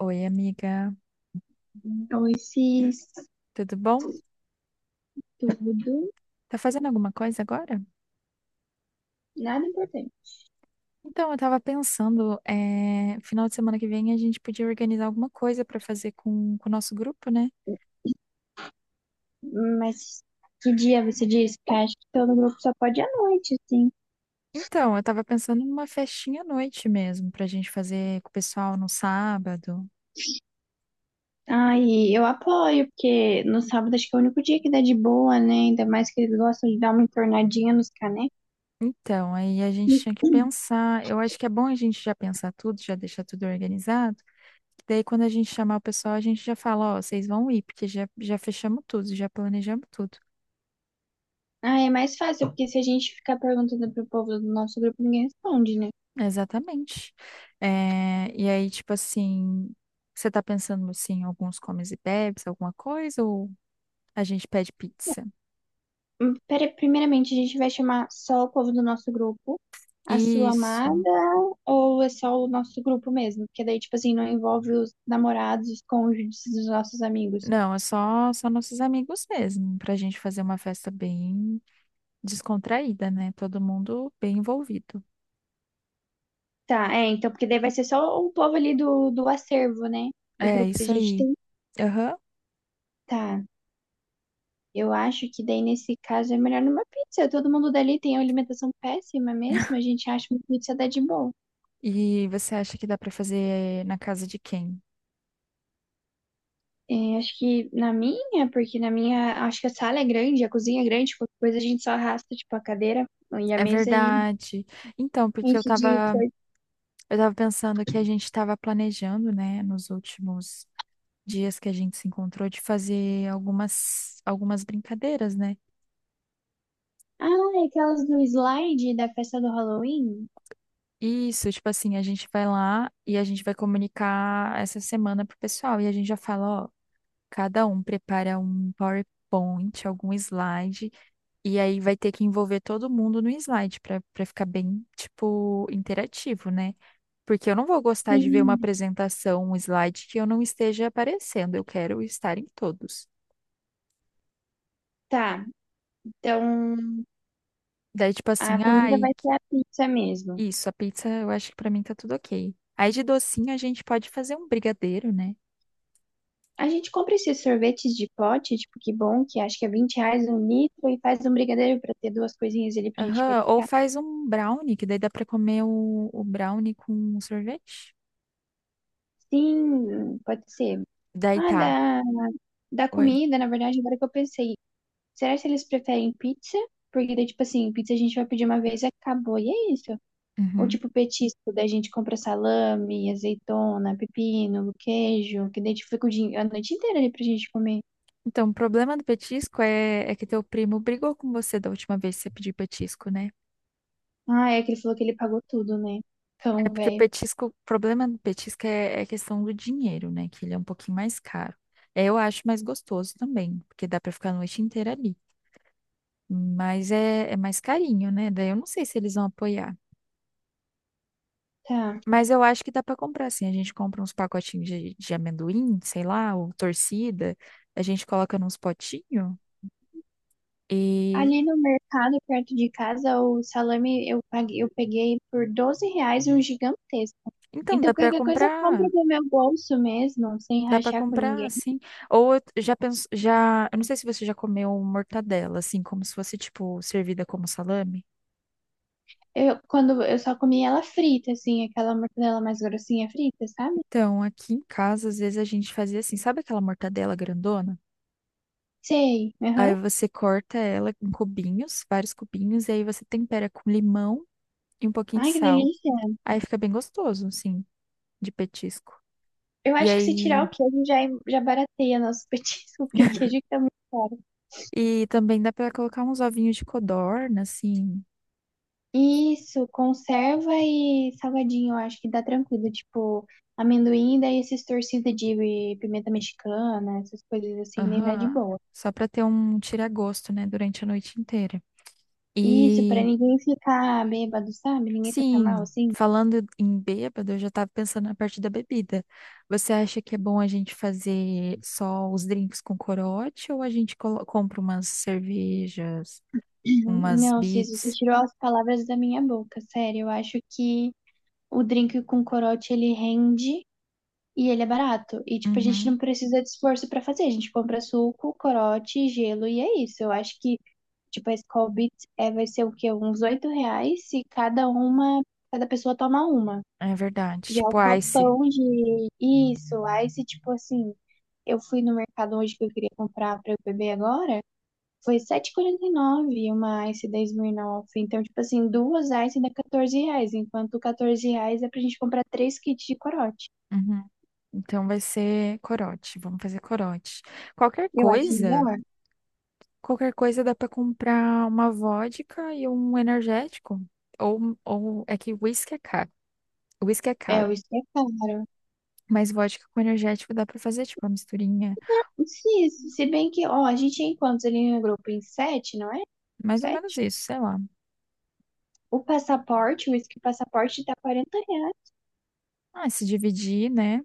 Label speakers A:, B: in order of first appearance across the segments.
A: Oi, amiga,
B: Então, esse
A: tudo bom?
B: estudo,
A: Tá fazendo alguma coisa agora?
B: nada importante.
A: Então, eu tava pensando, final de semana que vem a gente podia organizar alguma coisa pra fazer com o nosso grupo, né?
B: Mas que dia você disse? Porque acho que todo grupo só pode à noite, assim.
A: Então, eu tava pensando numa festinha à noite mesmo, pra gente fazer com o pessoal no sábado.
B: Ai, eu apoio, porque no sábado acho que é o único dia que dá de boa, né? Ainda mais que eles gostam de dar uma entornadinha nos canecos.
A: Então, aí a gente tinha que pensar. Eu acho que é bom a gente já pensar tudo, já deixar tudo organizado. Que Daí, quando a gente chamar o pessoal, a gente já fala: Ó, vocês vão ir, porque já fechamos tudo, já planejamos tudo.
B: Ah, é mais fácil, porque se a gente ficar perguntando pro povo do nosso grupo, ninguém responde, né?
A: Exatamente. É, e aí, tipo assim, você tá pensando assim, em alguns comes e bebes, alguma coisa, ou a gente pede pizza?
B: Primeiramente, a gente vai chamar só o povo do nosso grupo, a sua amada,
A: Isso.
B: ou é só o nosso grupo mesmo? Porque daí, tipo assim, não envolve os namorados, os cônjuges dos nossos amigos.
A: Não, é só nossos amigos mesmo, pra gente fazer uma festa bem descontraída, né? Todo mundo bem envolvido.
B: Tá, é, então, porque daí vai ser só o povo ali do acervo, né? Do
A: É,
B: grupo que a
A: isso
B: gente
A: aí.
B: tem.
A: Aham.
B: Tá, eu acho que daí, nesse caso, é melhor numa pizza. Todo mundo dali tem uma alimentação péssima mesmo, a gente acha uma pizza dá de boa.
A: E você acha que dá pra fazer na casa de quem?
B: É, acho que na minha, porque na minha, acho que a sala é grande, a cozinha é grande, qualquer coisa a gente só arrasta, tipo, a cadeira e a
A: É
B: mesa e
A: verdade. Então, porque eu
B: enche de
A: tava,
B: coisa.
A: eu tava pensando que a gente tava planejando, né, nos últimos dias que a gente se encontrou de fazer algumas brincadeiras, né?
B: Ah, é aquelas do slide da festa do Halloween?
A: Isso, tipo assim, a gente vai lá e a gente vai comunicar essa semana pro pessoal e a gente já fala, ó, cada um prepara um PowerPoint, algum slide, e aí vai ter que envolver todo mundo no slide para ficar bem, tipo, interativo, né? Porque eu não vou gostar de ver uma
B: Sim.
A: apresentação, um slide que eu não esteja aparecendo, eu quero estar em todos.
B: Tá, então
A: Daí, tipo
B: a
A: assim,
B: comida
A: ai,
B: vai ser a pizza mesmo.
A: Isso, a pizza eu acho que pra mim tá tudo ok. Aí de docinho a gente pode fazer um brigadeiro, né?
B: A gente compra esses sorvetes de pote, tipo, que bom, que acho que é R$ 20 um litro e faz um brigadeiro pra ter duas coisinhas ali pra gente...
A: Aham, ou faz um brownie, que daí dá pra comer o brownie com sorvete.
B: Sim, pode ser.
A: Daí
B: Ah,
A: tá.
B: da
A: Oi.
B: comida, na verdade, agora que eu pensei. Será que eles preferem pizza? Porque daí, tipo assim, pizza a gente vai pedir uma vez e acabou, e é isso. Ou
A: Uhum.
B: tipo petisco, daí a gente compra salame, azeitona, pepino, queijo, que daí a gente fica o dia- a noite inteira ali pra gente comer.
A: Então, o problema do petisco é que teu primo brigou com você da última vez que você pediu petisco, né?
B: Ah, é que ele falou que ele pagou tudo, né?
A: É
B: Cão,
A: porque o
B: velho.
A: petisco, o problema do petisco é a questão do dinheiro, né? Que ele é um pouquinho mais caro. É, eu acho mais gostoso também, porque dá pra ficar a noite inteira ali. Mas é mais carinho, né? Daí eu não sei se eles vão apoiar.
B: Tá.
A: Mas eu acho que dá pra comprar, assim. A gente compra uns pacotinhos de amendoim, sei lá, ou torcida. A gente coloca nos potinhos. E
B: Ali no mercado, perto de casa, o salame eu paguei, eu peguei por R$ 12 um gigantesco.
A: então
B: Então
A: dá pra
B: qualquer coisa eu compro
A: comprar,
B: do meu bolso mesmo, sem
A: dá pra
B: rachar com
A: comprar,
B: ninguém.
A: assim. Ou eu já penso, já, eu não sei se você já comeu mortadela, assim, como se fosse tipo servida como salame.
B: Eu, quando eu só comia ela frita, assim, aquela mortadela mais grossinha frita, sabe?
A: Então, aqui em casa, às vezes a gente fazia assim, sabe aquela mortadela grandona?
B: Sei.
A: Aí
B: Aham.
A: você corta ela em cubinhos, vários cubinhos, e aí você tempera com limão e um pouquinho de
B: Ai, que
A: sal.
B: delícia.
A: Aí fica bem gostoso, assim, de petisco.
B: Eu
A: E
B: acho que se tirar
A: aí,
B: o queijo já, é, já barateia nosso petisco, porque o queijo tá muito caro.
A: e também dá pra colocar uns ovinhos de codorna, assim,
B: Isso, conserva e salgadinho, eu acho que dá tranquilo. Tipo, amendoim, daí esses torcidos de pimenta mexicana, essas coisas assim, daí dá de
A: aham,
B: boa.
A: só pra ter um tira-gosto, né, durante a noite inteira.
B: Isso, pra
A: E,
B: ninguém ficar bêbado, sabe? Ninguém passar mal,
A: sim,
B: assim.
A: falando em bêbado, eu já tava pensando na parte da bebida. Você acha que é bom a gente fazer só os drinks com corote ou a gente compra umas cervejas? Umas
B: Não, Cis, você
A: beats.
B: tirou as palavras da minha boca, sério. Eu acho que o drink com corote ele rende e ele é barato. E, tipo, a gente
A: Uhum,
B: não precisa de esforço pra fazer. A gente compra suco, corote, gelo e é isso. Eu acho que, tipo, a Skol Beats é, vai ser o quê? Uns R$ 8 se cada uma, cada pessoa toma uma.
A: é verdade.
B: Já é o
A: Tipo Ice.
B: copão de isso, aí se, tipo, assim, eu fui no mercado hoje que eu queria comprar pra eu beber agora. Foi 7,49 uma Ice 10.000 nove. Então, tipo assim, duas Ice dá R$ 14, enquanto R$ 14 é pra gente comprar três kits de corote.
A: Uhum. Então vai ser corote. Vamos fazer corote. Qualquer
B: Eu acho
A: coisa,
B: melhor.
A: qualquer coisa dá pra comprar uma vodka e um energético. Ou é que whisky é caro. Whisky é
B: É,
A: caro.
B: isso é caro.
A: Mas vodka com energético dá pra fazer, tipo, uma misturinha.
B: Sim, se bem que, ó, a gente é em quantos ali no grupo? Em sete, não é?
A: Mais ou menos
B: Sete?
A: isso, sei lá.
B: O passaporte, o uísque passaporte tá R$ 40.
A: Ah, se dividir, né?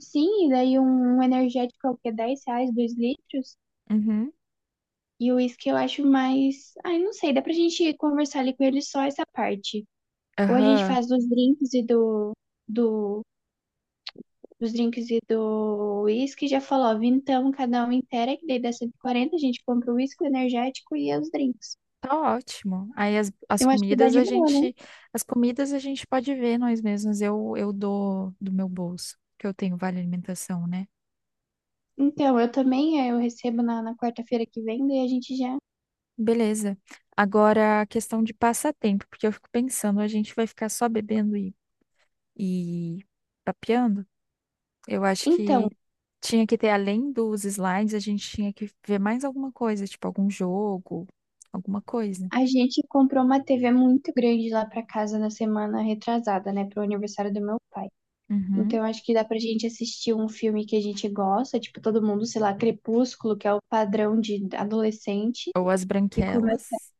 B: Sim, e daí um energético é o quê? R$ 10, 2 litros.
A: Uhum.
B: E o uísque eu acho mais. Ai, não sei, dá pra gente conversar ali com ele só essa parte. Ou a gente
A: Aham.
B: faz do, dos drinks e do uísque, já falou, ó, vintão cada um inteira, que daí dá 140 a gente compra o uísque, o energético e os drinks.
A: Tá ótimo. Aí
B: Eu acho que dá de boa, né?
A: as comidas a gente pode ver nós mesmos. Eu dou do meu bolso, que eu tenho vale alimentação, né?
B: Então, eu também, eu recebo na quarta-feira que vem, daí a gente já...
A: Beleza. Agora a questão de passatempo, porque eu fico pensando, a gente vai ficar só bebendo e papeando? Eu acho
B: Então,
A: que tinha que ter, além dos slides, a gente tinha que ver mais alguma coisa, tipo algum jogo, alguma coisa.
B: a gente comprou uma TV muito grande lá pra casa na semana retrasada, né? Pro aniversário do meu pai.
A: Uhum.
B: Então, acho que dá pra gente assistir um filme que a gente gosta, tipo, todo mundo, sei lá, Crepúsculo, que é o padrão de adolescente,
A: Ou as
B: e comer.
A: branquelas.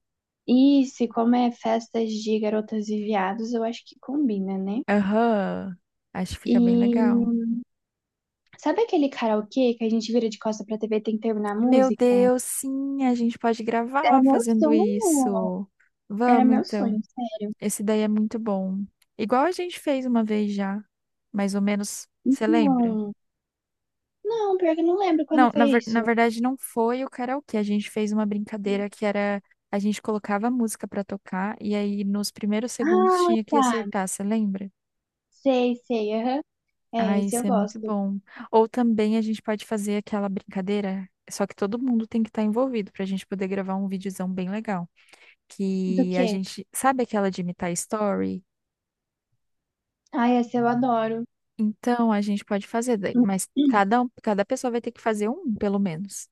B: Isso, e como é festas de garotas e viados, eu acho que combina, né?
A: Aham. Acho que
B: E
A: fica bem legal.
B: sabe aquele karaokê que a gente vira de costa pra TV e tem que terminar a
A: Meu
B: música?
A: Deus, sim, a gente pode
B: Era
A: gravar
B: meu
A: fazendo
B: sonho,
A: isso.
B: era
A: Vamos
B: meu
A: então.
B: sonho, sério.
A: Esse daí é muito bom. Igual a gente fez uma vez já, mais ou menos, você lembra?
B: Então, não, pior que eu não lembro quando
A: Não,
B: foi
A: na
B: isso.
A: verdade não foi o karaokê. A gente fez uma brincadeira que era a gente colocava a música pra tocar e aí nos primeiros segundos
B: Ah,
A: tinha que
B: tá,
A: acertar, você lembra?
B: sei, sei, aham.
A: Ah,
B: É, esse eu
A: isso é muito
B: gosto.
A: bom. Ou também a gente pode fazer aquela brincadeira, só que todo mundo tem que estar envolvido pra gente poder gravar um videozão bem legal.
B: Do
A: Que a
B: quê?
A: gente sabe aquela de imitar story?
B: Ai, esse eu adoro.
A: Então a gente pode fazer, mas cada um, cada pessoa vai ter que fazer um, pelo menos,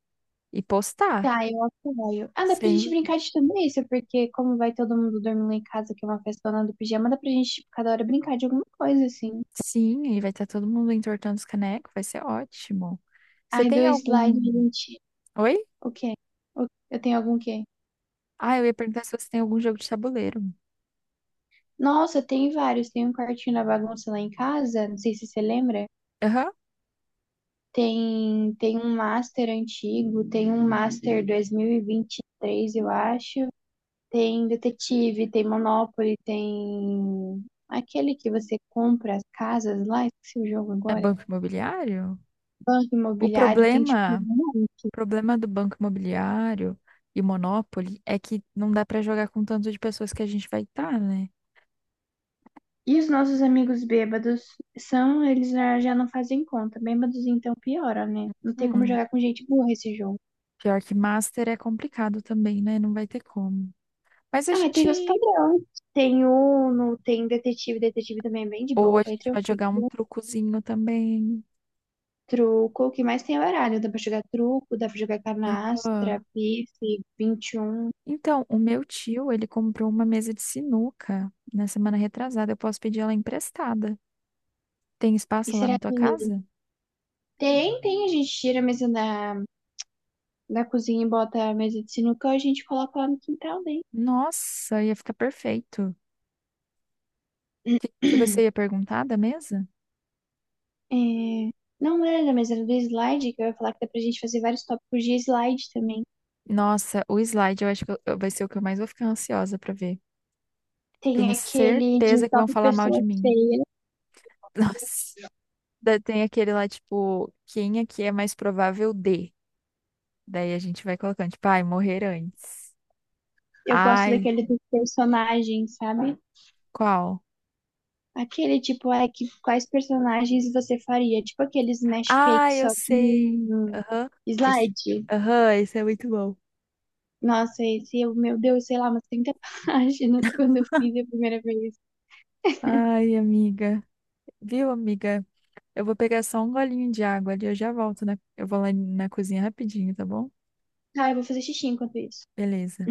A: e postar.
B: Tá, eu apoio. Ah, dá pra gente
A: Sem,
B: brincar de tudo isso, porque como vai todo mundo dormir lá em casa, que é uma festona do pijama, dá pra gente, tipo, cada hora brincar de alguma coisa, assim.
A: sim, aí vai estar todo mundo entortando os canecos, vai ser ótimo. Você
B: Ai, do
A: tem
B: slide,
A: algum.
B: a gente.
A: Oi?
B: O quê? Eu tenho algum quê?
A: Ah, eu ia perguntar se você tem algum jogo de tabuleiro.
B: Nossa, tem vários. Tem um quartinho da bagunça lá em casa, não sei se você lembra.
A: Aham.
B: Tem um master antigo, tem um master dois mil e vinte e três eu acho. Tem detetive, tem Monopoly, tem aquele que você compra as casas lá, esqueci o jogo
A: É
B: agora.
A: banco imobiliário?
B: Banco
A: O
B: imobiliário tem tipo
A: problema,
B: um.
A: o problema do banco imobiliário e Monopoly é que não dá pra jogar com o tanto de pessoas que a gente vai estar, né?
B: E os nossos amigos bêbados são, eles já já não fazem conta. Bêbados então piora, né? Não tem como
A: Hum,
B: jogar com gente burra esse jogo.
A: Pior que Master é complicado também, né? Não vai ter como. Mas a
B: Ah, e tem os
A: gente.
B: padrões. Tem Uno, tem detetive, detetive também é bem de
A: Ou a
B: boa, bem
A: gente vai jogar um
B: tranquilo.
A: trucozinho também.
B: Truco, o que mais tem é baralho. Dá pra jogar truco, dá pra jogar
A: Ah.
B: canastra, pife, 21. E um.
A: Então, o meu tio, ele comprou uma mesa de sinuca na semana retrasada. Eu posso pedir ela emprestada. Tem
B: E
A: espaço lá na
B: será
A: tua
B: que
A: casa?
B: tem, a gente tira a mesa da cozinha e bota a mesa de sinuca e a gente coloca lá no quintal, né?
A: Nossa, ia ficar perfeito. O que, que você ia perguntar da mesa?
B: É, não era, mas era do slide, que eu ia falar que dá pra gente fazer vários tópicos de slide também.
A: Nossa, o slide eu acho que vai ser o que eu mais vou ficar ansiosa pra ver.
B: Tem
A: Tenho
B: aquele de
A: certeza que vão
B: top
A: falar mal de
B: pessoas
A: mim.
B: feias.
A: Nossa. Daí tem aquele lá, tipo, quem aqui é mais provável de? Daí a gente vai colocando, tipo, ai, morrer antes.
B: Eu gosto
A: Ai,
B: daquele dos personagens, sabe?
A: qual?
B: Aquele tipo, é que quais personagens você faria? Tipo aqueles smash cake,
A: Ai, eu
B: só que
A: sei.
B: em
A: Aham, esse,
B: slide.
A: aham, esse é muito bom.
B: Nossa, esse, eu, meu Deus, sei lá, umas 30 páginas quando eu fiz a primeira vez.
A: Ai, amiga. Viu, amiga? Eu vou pegar só um golinho de água ali, eu já volto, né? Eu vou lá na cozinha rapidinho, tá bom?
B: Ah, eu vou fazer xixi enquanto isso.
A: Beleza.